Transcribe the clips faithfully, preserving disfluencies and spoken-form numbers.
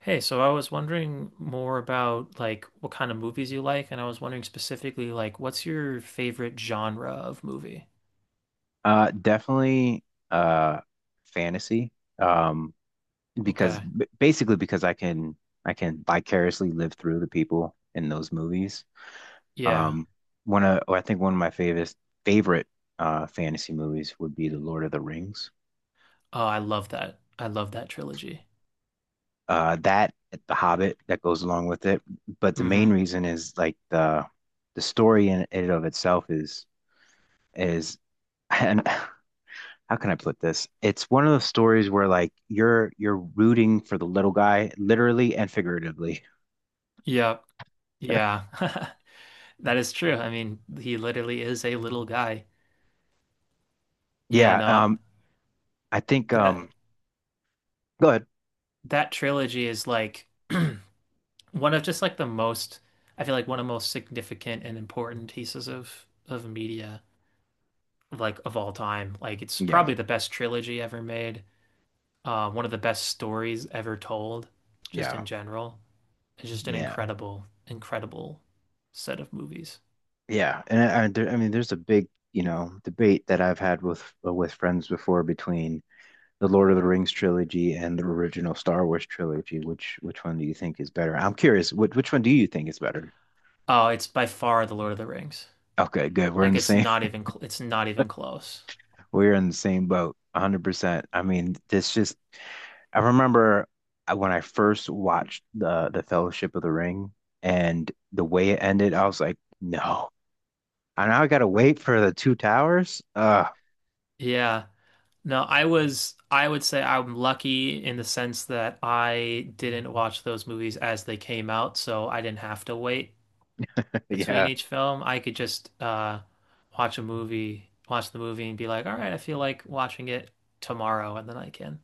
Hey, so I was wondering more about like what kind of movies you like, and I was wondering specifically like what's your favorite genre of movie? Uh, definitely uh fantasy. Um, because Okay. B- basically because I can I can vicariously live through the people in those movies. Yeah. Um, one of I think one of my favorite favorite uh fantasy movies would be The Lord of the Rings. Oh, I love that. I love that trilogy. Uh, that The Hobbit that goes along with it. But the main Mm-hmm. reason is like the the story in it of itself is is and. How can I put this? It's one of those stories where like you're you're rooting for the little guy, literally and figuratively. Yep. Yeah. That is true. I mean, he literally is a little guy. Yeah, Yeah. no, Um. I think. that Um. Go ahead. that trilogy is like one of just like the most, I feel like one of the most significant and important pieces of of media, like of all time. Like it's probably Yeah. the best trilogy ever made, uh, one of the best stories ever told, just in Yeah. general. It's just an Yeah. incredible, incredible set of movies. Yeah. And I, I, there, I mean, there's a big you know debate that I've had with with friends before between the Lord of the Rings trilogy and the original Star Wars trilogy. Which which one do you think is better? I'm curious. Which which one do you think is better? Oh, it's by far The Lord of the Rings. Okay, good. We're in Like the it's same not even cl it's not even close. we're in the same boat. one hundred percent. I mean, this just I remember uh, when I first watched the the Fellowship of the Ring and the way it ended, I was like, no. I now I gotta wait for the two towers. Uh Yeah. No, I was I would say I'm lucky in the sense that I didn't watch those movies as they came out, so I didn't have to wait between yeah. each film. I could just uh, watch a movie, watch the movie, and be like, all right, I feel like watching it tomorrow, and then I can.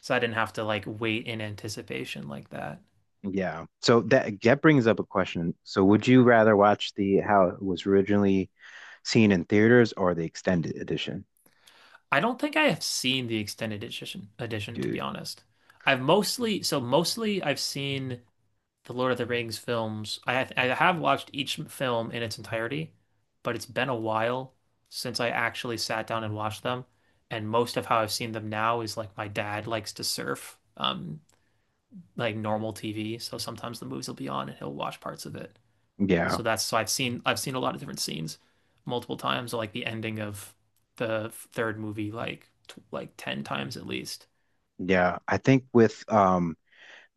So I didn't have to like wait in anticipation like that. Yeah. So that that brings up a question. So would you rather watch the how it was originally seen in theaters or the extended edition? I don't think I have seen the extended edition, edition to be Dude. honest. I've mostly, so mostly I've seen the Lord of the Rings films. I have, I have watched each film in its entirety, but it's been a while since I actually sat down and watched them, and most of how I've seen them now is like my dad likes to surf. Um, like normal T V, so sometimes the movies will be on and he'll watch parts of it. So Yeah. that's, so I've seen I've seen a lot of different scenes multiple times, like the ending of the third movie, like t like ten times at least. Yeah. I think with um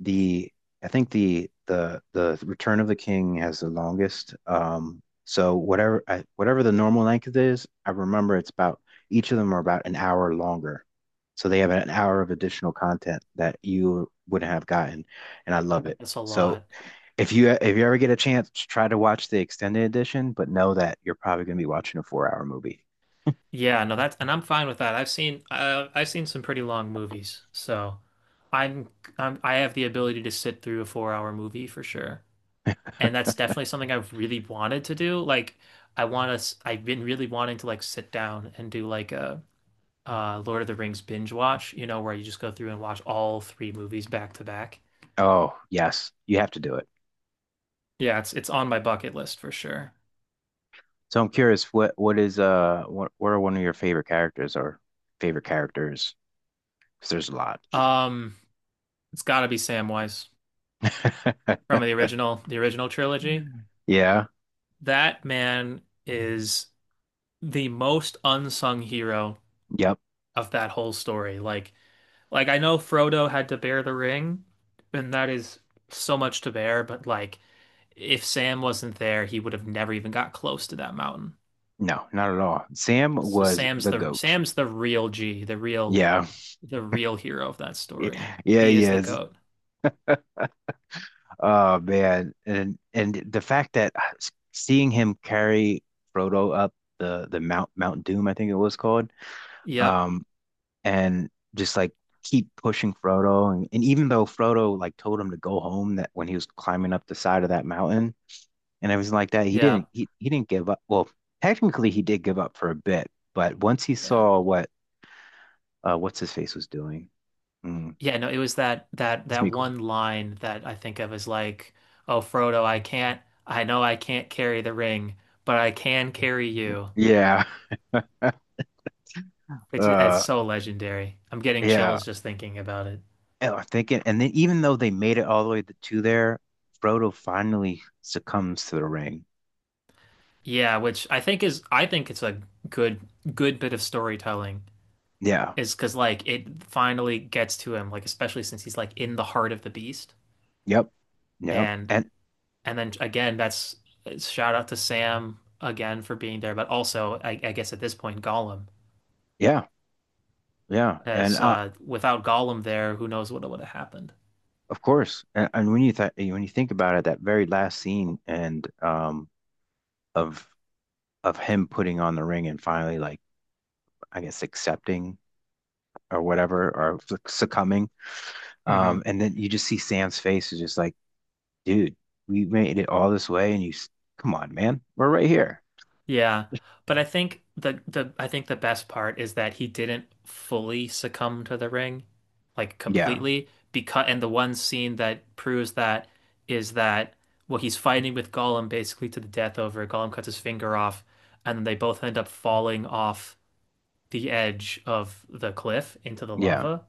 the I think the the the Return of the King has the longest. Um, so whatever I, whatever the normal length is, I remember it's about each of them are about an hour longer. So they have an hour of additional content that you wouldn't have gotten, and I love it. That's a So lot. if you if you ever get a chance, try to watch the extended edition, but know that you're probably going to be watching a four hour movie. Yeah, no, that's, and I'm fine with that. I've seen uh, I've seen some pretty long movies, so I'm, I'm I have the ability to sit through a four hour movie for sure, and that's definitely something I've really wanted to do. Like I want to, I've been really wanting to like sit down and do like a uh Lord of the Rings binge watch, you know, where you just go through and watch all three movies back to back. Oh, yes, you have to do it. Yeah, it's it's on my bucket list for sure. So I'm curious, what what is uh what what are one of your favorite characters or favorite characters? 'Cause there's a lot. Um, it's gotta be Samwise from the original, the original trilogy. Mm. Yeah. That man is the most unsung hero Yep. of that whole story. Like like I know Frodo had to bear the ring, and that is so much to bear, but like if Sam wasn't there, he would have never even got close to that mountain. No, not at all. Sam So was Sam's the the goat. Sam's the real G, the real Yeah. the real hero of that story. Yeah, He he is the is. goat. Oh man, and and the fact that seeing him carry Frodo up the the Mount Mount Doom, I think it was called, Yep. um, and just like keep pushing Frodo, and, and even though Frodo like told him to go home that when he was climbing up the side of that mountain and everything like that, he Yeah. didn't he, he didn't give up. Well, technically he did give up for a bit, but once he Yeah. saw what uh what's his face was doing, mm, Yeah, no, it was that that that Smeagol. one line that I think of, as like, "Oh Frodo, I can't I know I can't carry the ring, but I can carry you." Yeah, Which is- it's uh, so legendary. I'm getting yeah. chills just thinking about it. Oh, I think it, and then even though they made it all the way to there, Frodo finally succumbs to the ring. Yeah, which I think is I think it's a good good bit of storytelling. Yeah. Is because like it finally gets to him, like especially since he's like in the heart of the beast. Yep. Yep. And And And then again, that's shout out to Sam again for being there, but also I, I guess at this point Gollum, yeah, yeah, and as uh, uh, without Gollum there, who knows what would have happened. of course, and, and when you th when you think about it, that very last scene and um of of him putting on the ring and finally like I guess accepting or whatever or suc- succumbing, Hmm. um, and then you just see Sam's face is just like, dude, we made it all this way, and you, s- come on, man, we're right here. Yeah, but I think the the I think the best part is that he didn't fully succumb to the ring, like Yeah. completely. Because, and the one scene that proves that is that, well, he's fighting with Gollum basically to the death over. Gollum cuts his finger off, and then they both end up falling off the edge of the cliff into the Yeah. lava.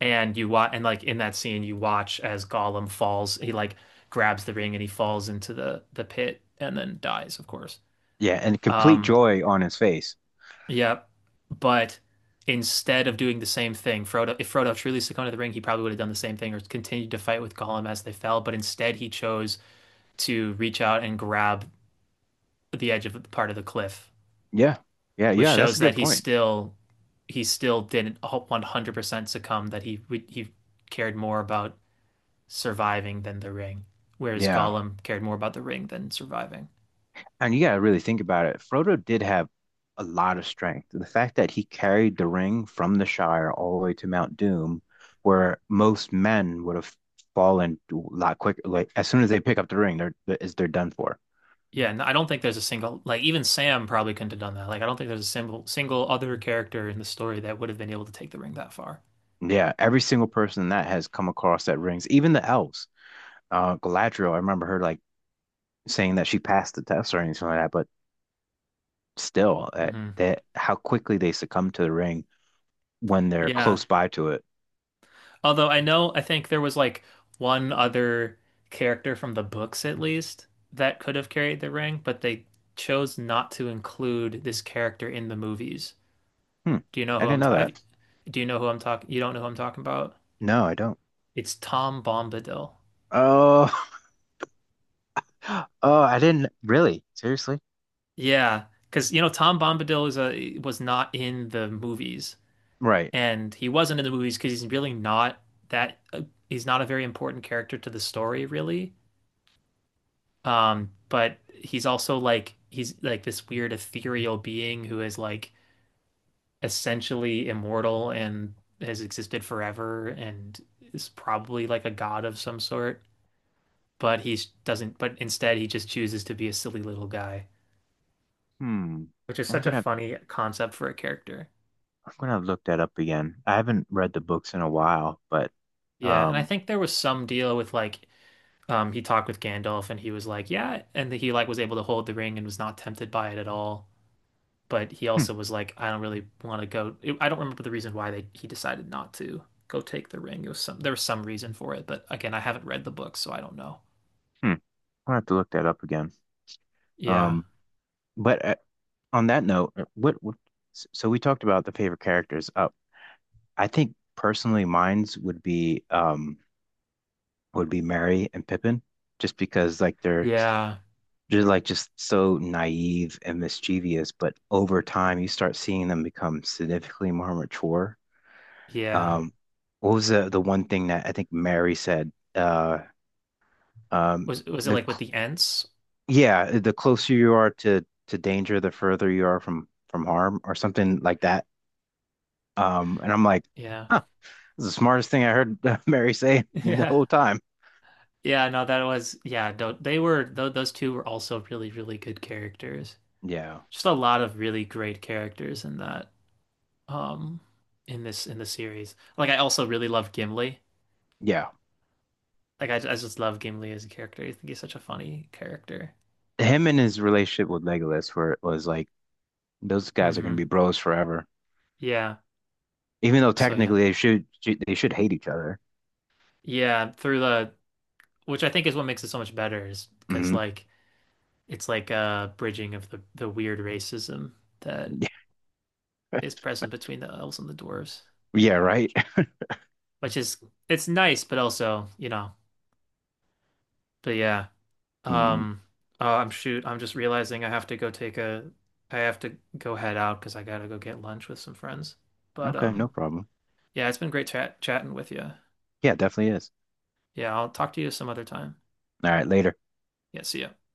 And you watch, and like in that scene, you watch as Gollum falls. He like grabs the ring and he falls into the the pit and then dies, of course. Yeah, and complete Um, joy on his face. yeah, but instead of doing the same thing, Frodo, if Frodo truly succumbed to the ring, he probably would have done the same thing or continued to fight with Gollum as they fell. But instead, he chose to reach out and grab the edge of the part of the cliff, Yeah. Yeah, which yeah, that's shows a that good he point. still, he still didn't one hundred percent succumb, that he he cared more about surviving than the ring, whereas Yeah. Gollum cared more about the ring than surviving. And you gotta really think about it. Frodo did have a lot of strength. The fact that he carried the ring from the Shire all the way to Mount Doom, where most men would have fallen a lot quicker. Like as soon as they pick up the ring, they're they're is- they're done for. Yeah, and I don't think there's a single, like even Sam probably couldn't have done that. Like I don't think there's a single single other character in the story that would have been able to take the ring that far. Yeah, every single person that has come across that rings, even the elves. Uh, Galadriel, I remember her like saying that she passed the test or anything like that, but still, that, Hmm. that how quickly they succumb to the ring when they're Yeah, close by to it. although I know I think there was like one other character from the books at least that could have carried the ring, but they chose not to include this character in the movies. Hmm. Do you know I who I'm didn't know talking? that. Do you know who I'm talking? You don't know who I'm talking about? No, I don't. It's Tom Bombadil. Oh, oh, I didn't really. Seriously? Yeah, because you know Tom Bombadil is a, was not in the movies, Right. and he wasn't in the movies because he's really not that. Uh, he's not a very important character to the story, really. Um, but he's also like, he's like this weird ethereal being who is like essentially immortal and has existed forever and is probably like a god of some sort. But he doesn't. But instead, he just chooses to be a silly little guy, Hmm. which is I'm such a gonna funny concept for a character. I'm gonna look that up again. I haven't read the books in a while, but Yeah, and I um, think there was some deal with like um, he talked with Gandalf, and he was like, yeah, and he like was able to hold the ring and was not tempted by it at all. But he hmm, also was like, I don't really want to go. I don't remember the reason why they he decided not to go take the ring. It was some, there was some reason for it, but again, I haven't read the book, so I don't know. hmm. I'm gonna have to look that up again. Yeah, Um, but uh, on that note, uh, what, what? s- So we talked about the favorite characters. Uh, I think personally, mine's would be um would be Mary and Pippin, just because like they're yeah, just like just so naive and mischievous, but over time you start seeing them become significantly more mature. yeah. Um, what was the the one thing that I think Mary said? Uh, um, Was was it the like with cl- the Ents? yeah, the closer you are to to danger, the further you are from from harm, or something like that. Um, and I'm like, Yeah, huh, this is the smartest thing I heard Mary say in the yeah. whole time. Yeah, no, that was, yeah, tho- they were tho- those two were also really, really good characters. Yeah, Just a lot of really great characters in that um in this, in the series. Like I also really love Gimli. yeah. Like I, I just love Gimli as a character. I think he's such a funny character. Him and his relationship with Legolas, where it was like, those guys are gonna Hmm. be bros forever. Yeah. Even though So yeah. technically they should they should hate each other. Yeah, through the, which I think is what makes it so much better is because Hmm. like it's like a bridging of the the weird racism that is present between the elves and the dwarves, Yeah, right. which is, it's nice, but also, you know. But yeah, Mhm. um, oh, I'm, shoot. I'm just realizing I have to go take a, I have to go head out because I gotta go get lunch with some friends. But Okay, no um, problem. yeah, it's been great chat chatting with you. Yeah, it definitely is. Yeah, I'll talk to you some other time. All right, later. Yeah, see ya.